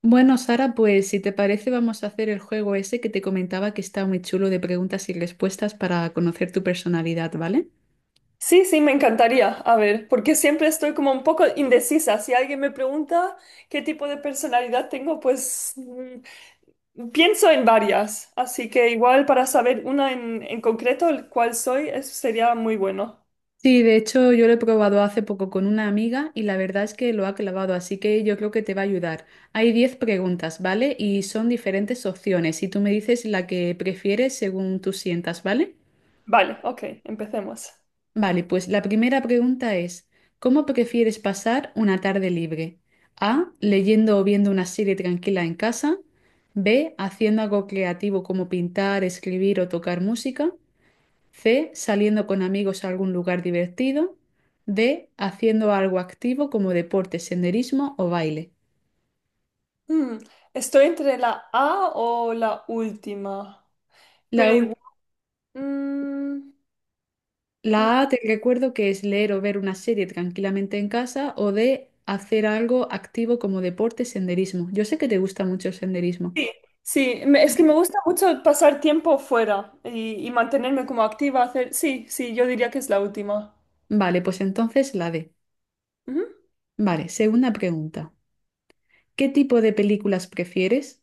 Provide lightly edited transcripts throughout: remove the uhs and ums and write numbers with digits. Bueno, Sara, pues si te parece vamos a hacer el juego ese que te comentaba que está muy chulo de preguntas y respuestas para conocer tu personalidad, ¿vale? Sí, sí, me encantaría. A ver, porque siempre estoy como un poco indecisa. Si alguien me pregunta qué tipo de personalidad tengo, pues pienso en varias. Así que igual para saber una en concreto, el cuál soy, eso sería muy bueno. Sí, de hecho yo lo he probado hace poco con una amiga y la verdad es que lo ha clavado, así que yo creo que te va a ayudar. Hay 10 preguntas, ¿vale? Y son diferentes opciones y tú me dices la que prefieres según tú sientas, ¿vale? Vale, ok, empecemos. Vale, pues la primera pregunta es, ¿cómo prefieres pasar una tarde libre? A, leyendo o viendo una serie tranquila en casa. B, haciendo algo creativo como pintar, escribir o tocar música. C, saliendo con amigos a algún lugar divertido. D, haciendo algo activo como deporte, senderismo o baile. Mm, Estoy entre la A o la última, pero La, ul- igual... mm, mm, la mm. A te recuerdo que es leer o ver una serie tranquilamente en casa o D, hacer algo activo como deporte, senderismo. Yo sé que te gusta mucho el senderismo. Sí, es que me gusta mucho pasar tiempo fuera y mantenerme como activa, hacer... Sí, sí, yo diría que es la última. Vale, pues entonces la D. Ujú. Vale, segunda pregunta. ¿Qué tipo de películas prefieres?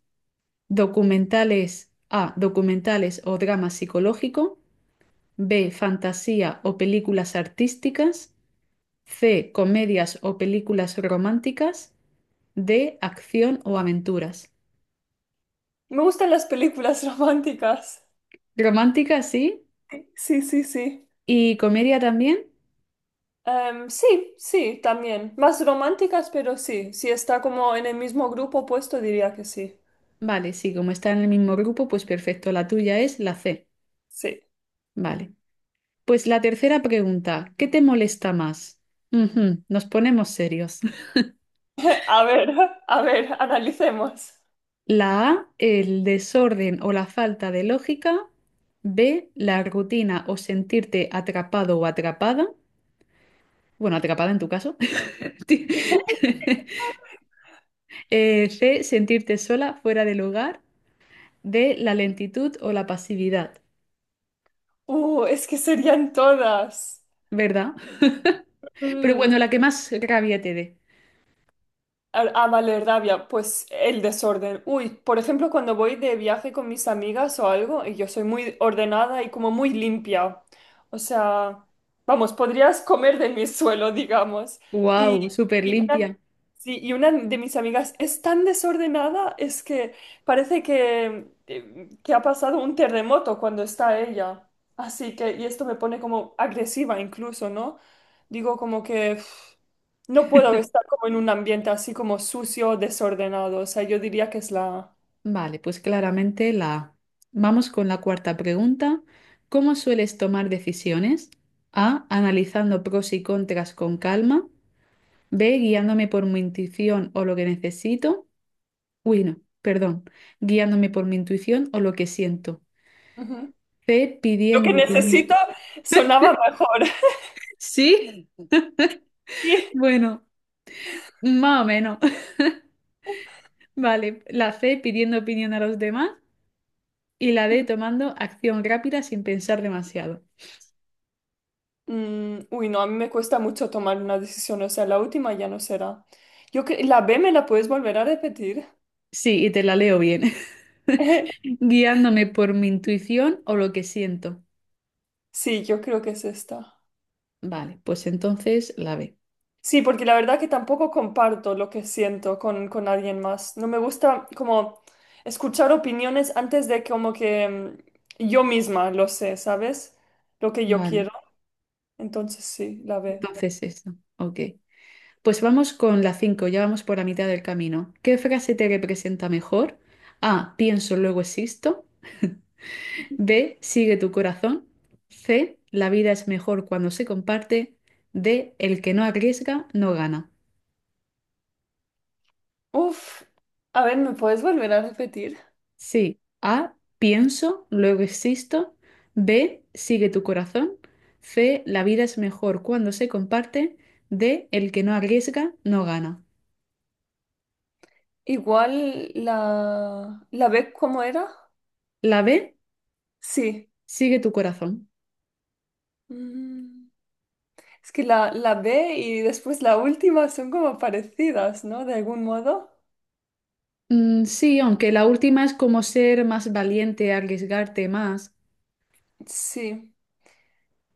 Documentales A, documentales o drama psicológico. B, fantasía o películas artísticas. C, comedias o películas románticas. D, acción o aventuras. Me gustan las películas románticas. Romántica, sí. Sí, sí, sí. ¿Y comedia también? Sí, sí, también. Más románticas, pero sí. Si está como en el mismo grupo puesto diría que sí. Vale, sí, como está en el mismo grupo, pues perfecto. La tuya es la C. Sí. Vale. Pues la tercera pregunta, ¿qué te molesta más? Ujú, nos ponemos serios. A ver, a ver, analicemos. La A, el desorden o la falta de lógica. B, la rutina o sentirte atrapado o atrapada. Bueno, atrapada en tu caso. Ti- C, sentirte sola, fuera de lugar. D, la lentitud o la pasividad, es que serían todas. ¿verdad? Pero bueno, Mm. la que más rabia te dé. A Valerrabia, pues el desorden. Uy, por ejemplo, cuando voy de viaje con mis amigas o algo, y yo soy muy ordenada y como muy limpia. O sea, vamos, podrías comer de mi suelo, digamos. Y, ¡Wow! Súper y limpia. sí, y una de mis amigas es tan desordenada, es que parece que que ha pasado un terremoto cuando está ella. Así que, y esto me pone como agresiva incluso, ¿no? Digo como que uf, no puedo estar como en un ambiente así como sucio, desordenado. O sea, yo diría que es la... Vale, pues claramente la A. Vamos con la cuarta pregunta. ¿Cómo sueles tomar decisiones? A. Analizando pros y contras con calma. B. Guiándome por mi intuición o lo que necesito. Uy, no, perdón. Guiándome por mi intuición o lo que siento. Ujú. C. Lo que Pidiendo opinión. necesito sonaba mejor. ¿Sí? Sí. Bueno, más o menos. Vale, la C. Pidiendo opinión a los demás. Y la D. Tomando acción rápida sin pensar demasiado. Uy, no, a mí me cuesta mucho tomar una decisión, o sea, la última ya no será. La B me la puedes volver a repetir. Sí, y te la leo bien. Guiándome por mi intuición o lo que siento. Sí, yo creo que es esta. Vale, pues entonces la B. Sí, porque la verdad que tampoco comparto lo que siento con alguien más. No me gusta como escuchar opiniones antes de como que yo misma lo sé, ¿sabes? Lo que yo Vale, quiero. Entonces sí, la B. entonces eso. Ok. Pues vamos con la 5. Ya vamos por la mitad del camino. ¿Qué frase te representa mejor? A, pienso, luego existo. B, sigue tu corazón. C, la vida es mejor cuando se comparte. D, el que no arriesga, no gana. Uf, a ver, ¿me puedes volver a repetir? Sí. A, pienso, luego existo. B, sigue tu corazón. C, la vida es mejor cuando se comparte. D, el que no arriesga no gana. Igual la B, ¿cómo era? La B, Sí. sigue tu corazón. Mm. Es que la B y después la última son como parecidas, ¿no? De algún modo. Mm, sí, aunque la última es como ser más valiente, arriesgarte más. Sí.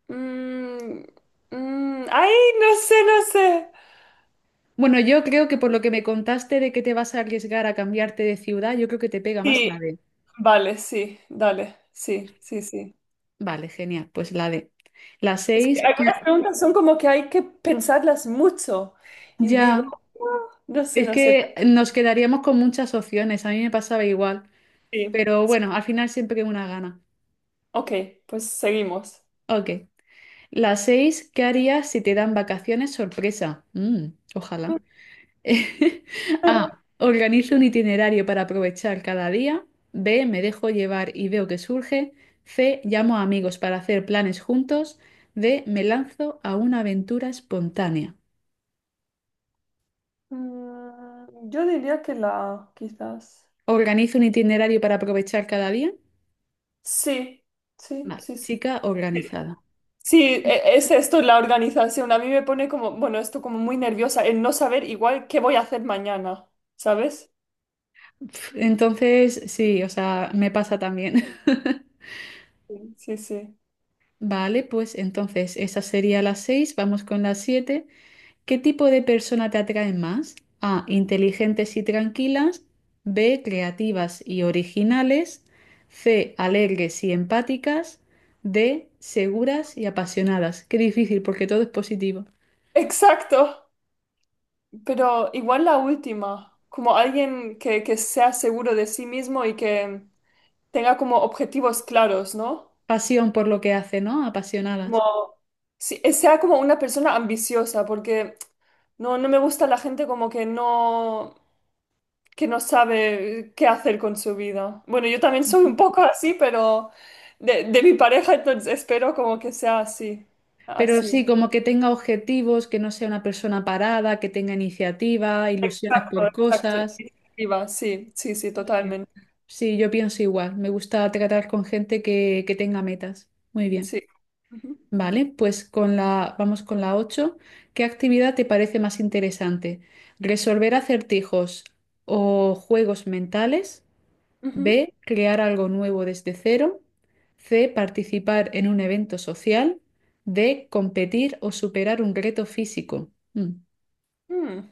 Mm, ay, no sé, no sé. Bueno, yo creo que por lo que me contaste de que te vas a arriesgar a cambiarte de ciudad, yo creo que te pega más Sí, la D. vale, sí, dale, sí, sí, sí. Vale, genial, pues la D. La Es que 6, algunas ya, preguntas son como que hay que pensarlas mucho. Y digo, ya. "Ah, no sé, Es no sé. que nos quedaríamos con muchas opciones, a mí me pasaba igual, Sí. pero bueno, al final siempre que una gana. Ok, pues seguimos. Ok. La seis, ¿qué harías si te dan vacaciones sorpresa? Ojalá. A, organizo un itinerario para aprovechar cada día. B, me dejo llevar y veo que surge. C, llamo a amigos para hacer planes juntos. D, me lanzo a una aventura espontánea. Yo diría que la, quizás. ¿Organizo un itinerario para aprovechar cada día? Sí, sí, Vale, sí, sí. chica organizada. Sí, es esto la organización. A mí me pone como, bueno, esto como muy nerviosa, el no saber igual qué voy a hacer mañana, ¿sabes? Entonces, sí, o sea, me pasa también. Sí, sí, sí. Vale, pues entonces esa sería la 6. Vamos con la 7. ¿Qué tipo de persona te atrae más? A, inteligentes y tranquilas, B, creativas y originales, C, alegres y empáticas, D, seguras y apasionadas. Qué difícil porque todo es positivo. Exacto, pero igual la última, como alguien que sea seguro de sí mismo y que tenga como objetivos claros, ¿no? Pasión por lo que hace, ¿no? Apasionadas. Como, sí, sea como una persona ambiciosa, porque no me gusta la gente como que no, que no sabe qué hacer con su vida. Bueno, yo también soy un poco así, pero de mi pareja, entonces espero como que sea así, Pero así. sí, como que tenga objetivos, que no sea una persona parada, que tenga iniciativa, ilusiones Exacto, por exacto. cosas. Iniciativa, sí, sí, sí, Muy bien. totalmente. Sí, yo pienso igual. Me gusta tratar con gente que tenga metas. Muy bien. Sí. Ujú, Vale, pues con la, vamos con la ocho. ¿Qué actividad te parece más interesante? ¿Resolver acertijos o juegos mentales? ujú. B, crear algo nuevo desde cero. C, participar en un evento social. D, competir o superar un reto físico. Mm. Mm.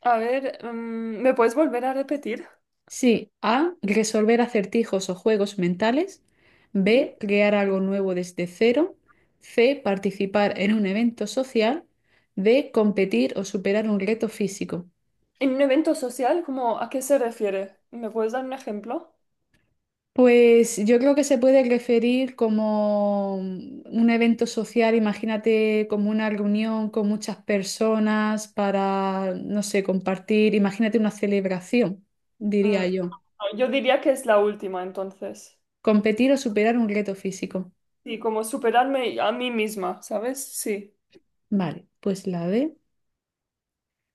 A ver, ¿me puedes volver a repetir? Sí, A, resolver acertijos o juegos mentales. Ujú. B, crear algo nuevo desde cero. C, participar en un evento social. D, competir o superar un reto físico. En un evento social, ¿cómo, a qué se refiere? ¿Me puedes dar un ejemplo? Pues yo creo que se puede referir como un evento social, imagínate como una reunión con muchas personas para, no sé, compartir, imagínate una celebración, Mm, diría yo. no, yo diría que es la última, entonces. Competir o superar un reto físico. Sí, como superarme a mí misma, ¿sabes? Sí. Vale, pues la D.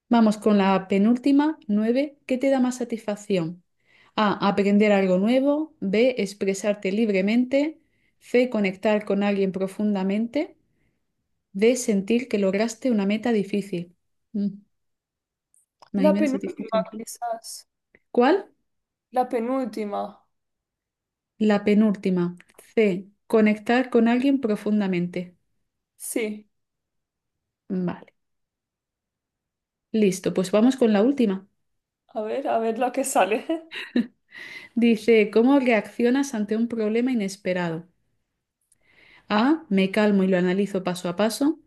Vamos con la penúltima, nueve. ¿Qué te da más satisfacción? A, aprender algo nuevo. B, expresarte libremente. C, conectar con alguien profundamente. De sentir que lograste una meta difícil. Mm, ahí La me da penúltima, satisfacción. quizás. ¿Cuál? La penúltima. La penúltima. C. Conectar con alguien profundamente. Sí. Vale. Listo, pues vamos con la última. A ver lo que sale. Dice, ¿cómo reaccionas ante un problema inesperado? A. Me calmo y lo analizo paso a paso.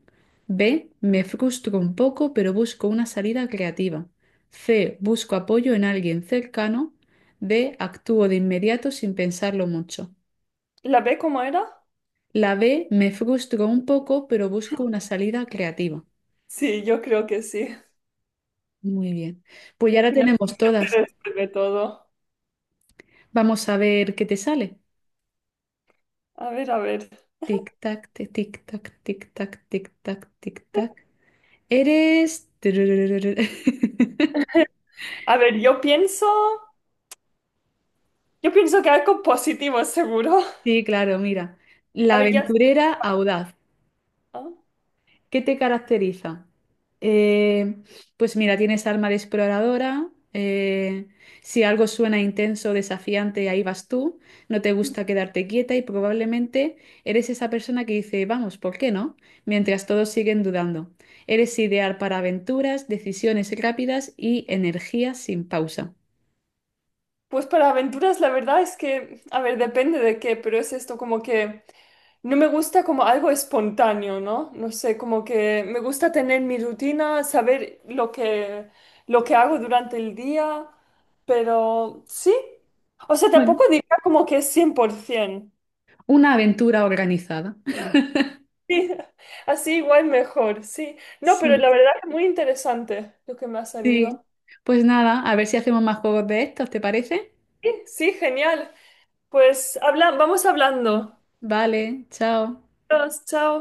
B. Me frustro un poco, pero busco una salida creativa. C. Busco apoyo en alguien cercano. D. Actúo de inmediato sin pensarlo mucho. ¿La B cómo era? La B me frustró un poco, pero busco una salida creativa. Sí, yo creo que sí. Muy bien. Pues Y ya al la final tenemos se todas. resuelve todo. Vamos a ver qué te sale. A ver, a ver. Tic tac, tic tac, tic tac, tic tac, tic tac. Eres... A ver, yo pienso. Yo pienso que algo positivo, seguro. Sí, claro, mira. A La ver, ya. aventurera audaz. ¿Ah? ¿Qué te caracteriza? Eh, pues mira, tienes alma de exploradora. Si algo suena intenso, desafiante, ahí vas tú. No te gusta quedarte quieta y probablemente eres esa persona que dice, vamos, ¿por qué no? Mientras todos siguen dudando. Eres ideal para aventuras, decisiones rápidas y energía sin pausa. Pues para aventuras la verdad es que, a ver, depende de qué, pero es esto como que no me gusta como algo espontáneo, ¿no? No sé, como que me gusta tener mi rutina, saber lo que hago durante el día, pero sí. O sea, Bueno, tampoco diría como que es 100%. una aventura organizada. Sí, así igual mejor, sí. No, pero la Sí. verdad es muy interesante lo que me ha Sí, salido. pues nada, a ver si hacemos más juegos de estos, ¿te parece? Sí, sí, genial. Pues habla, vamos hablando. Vale, chao. Adiós, chao.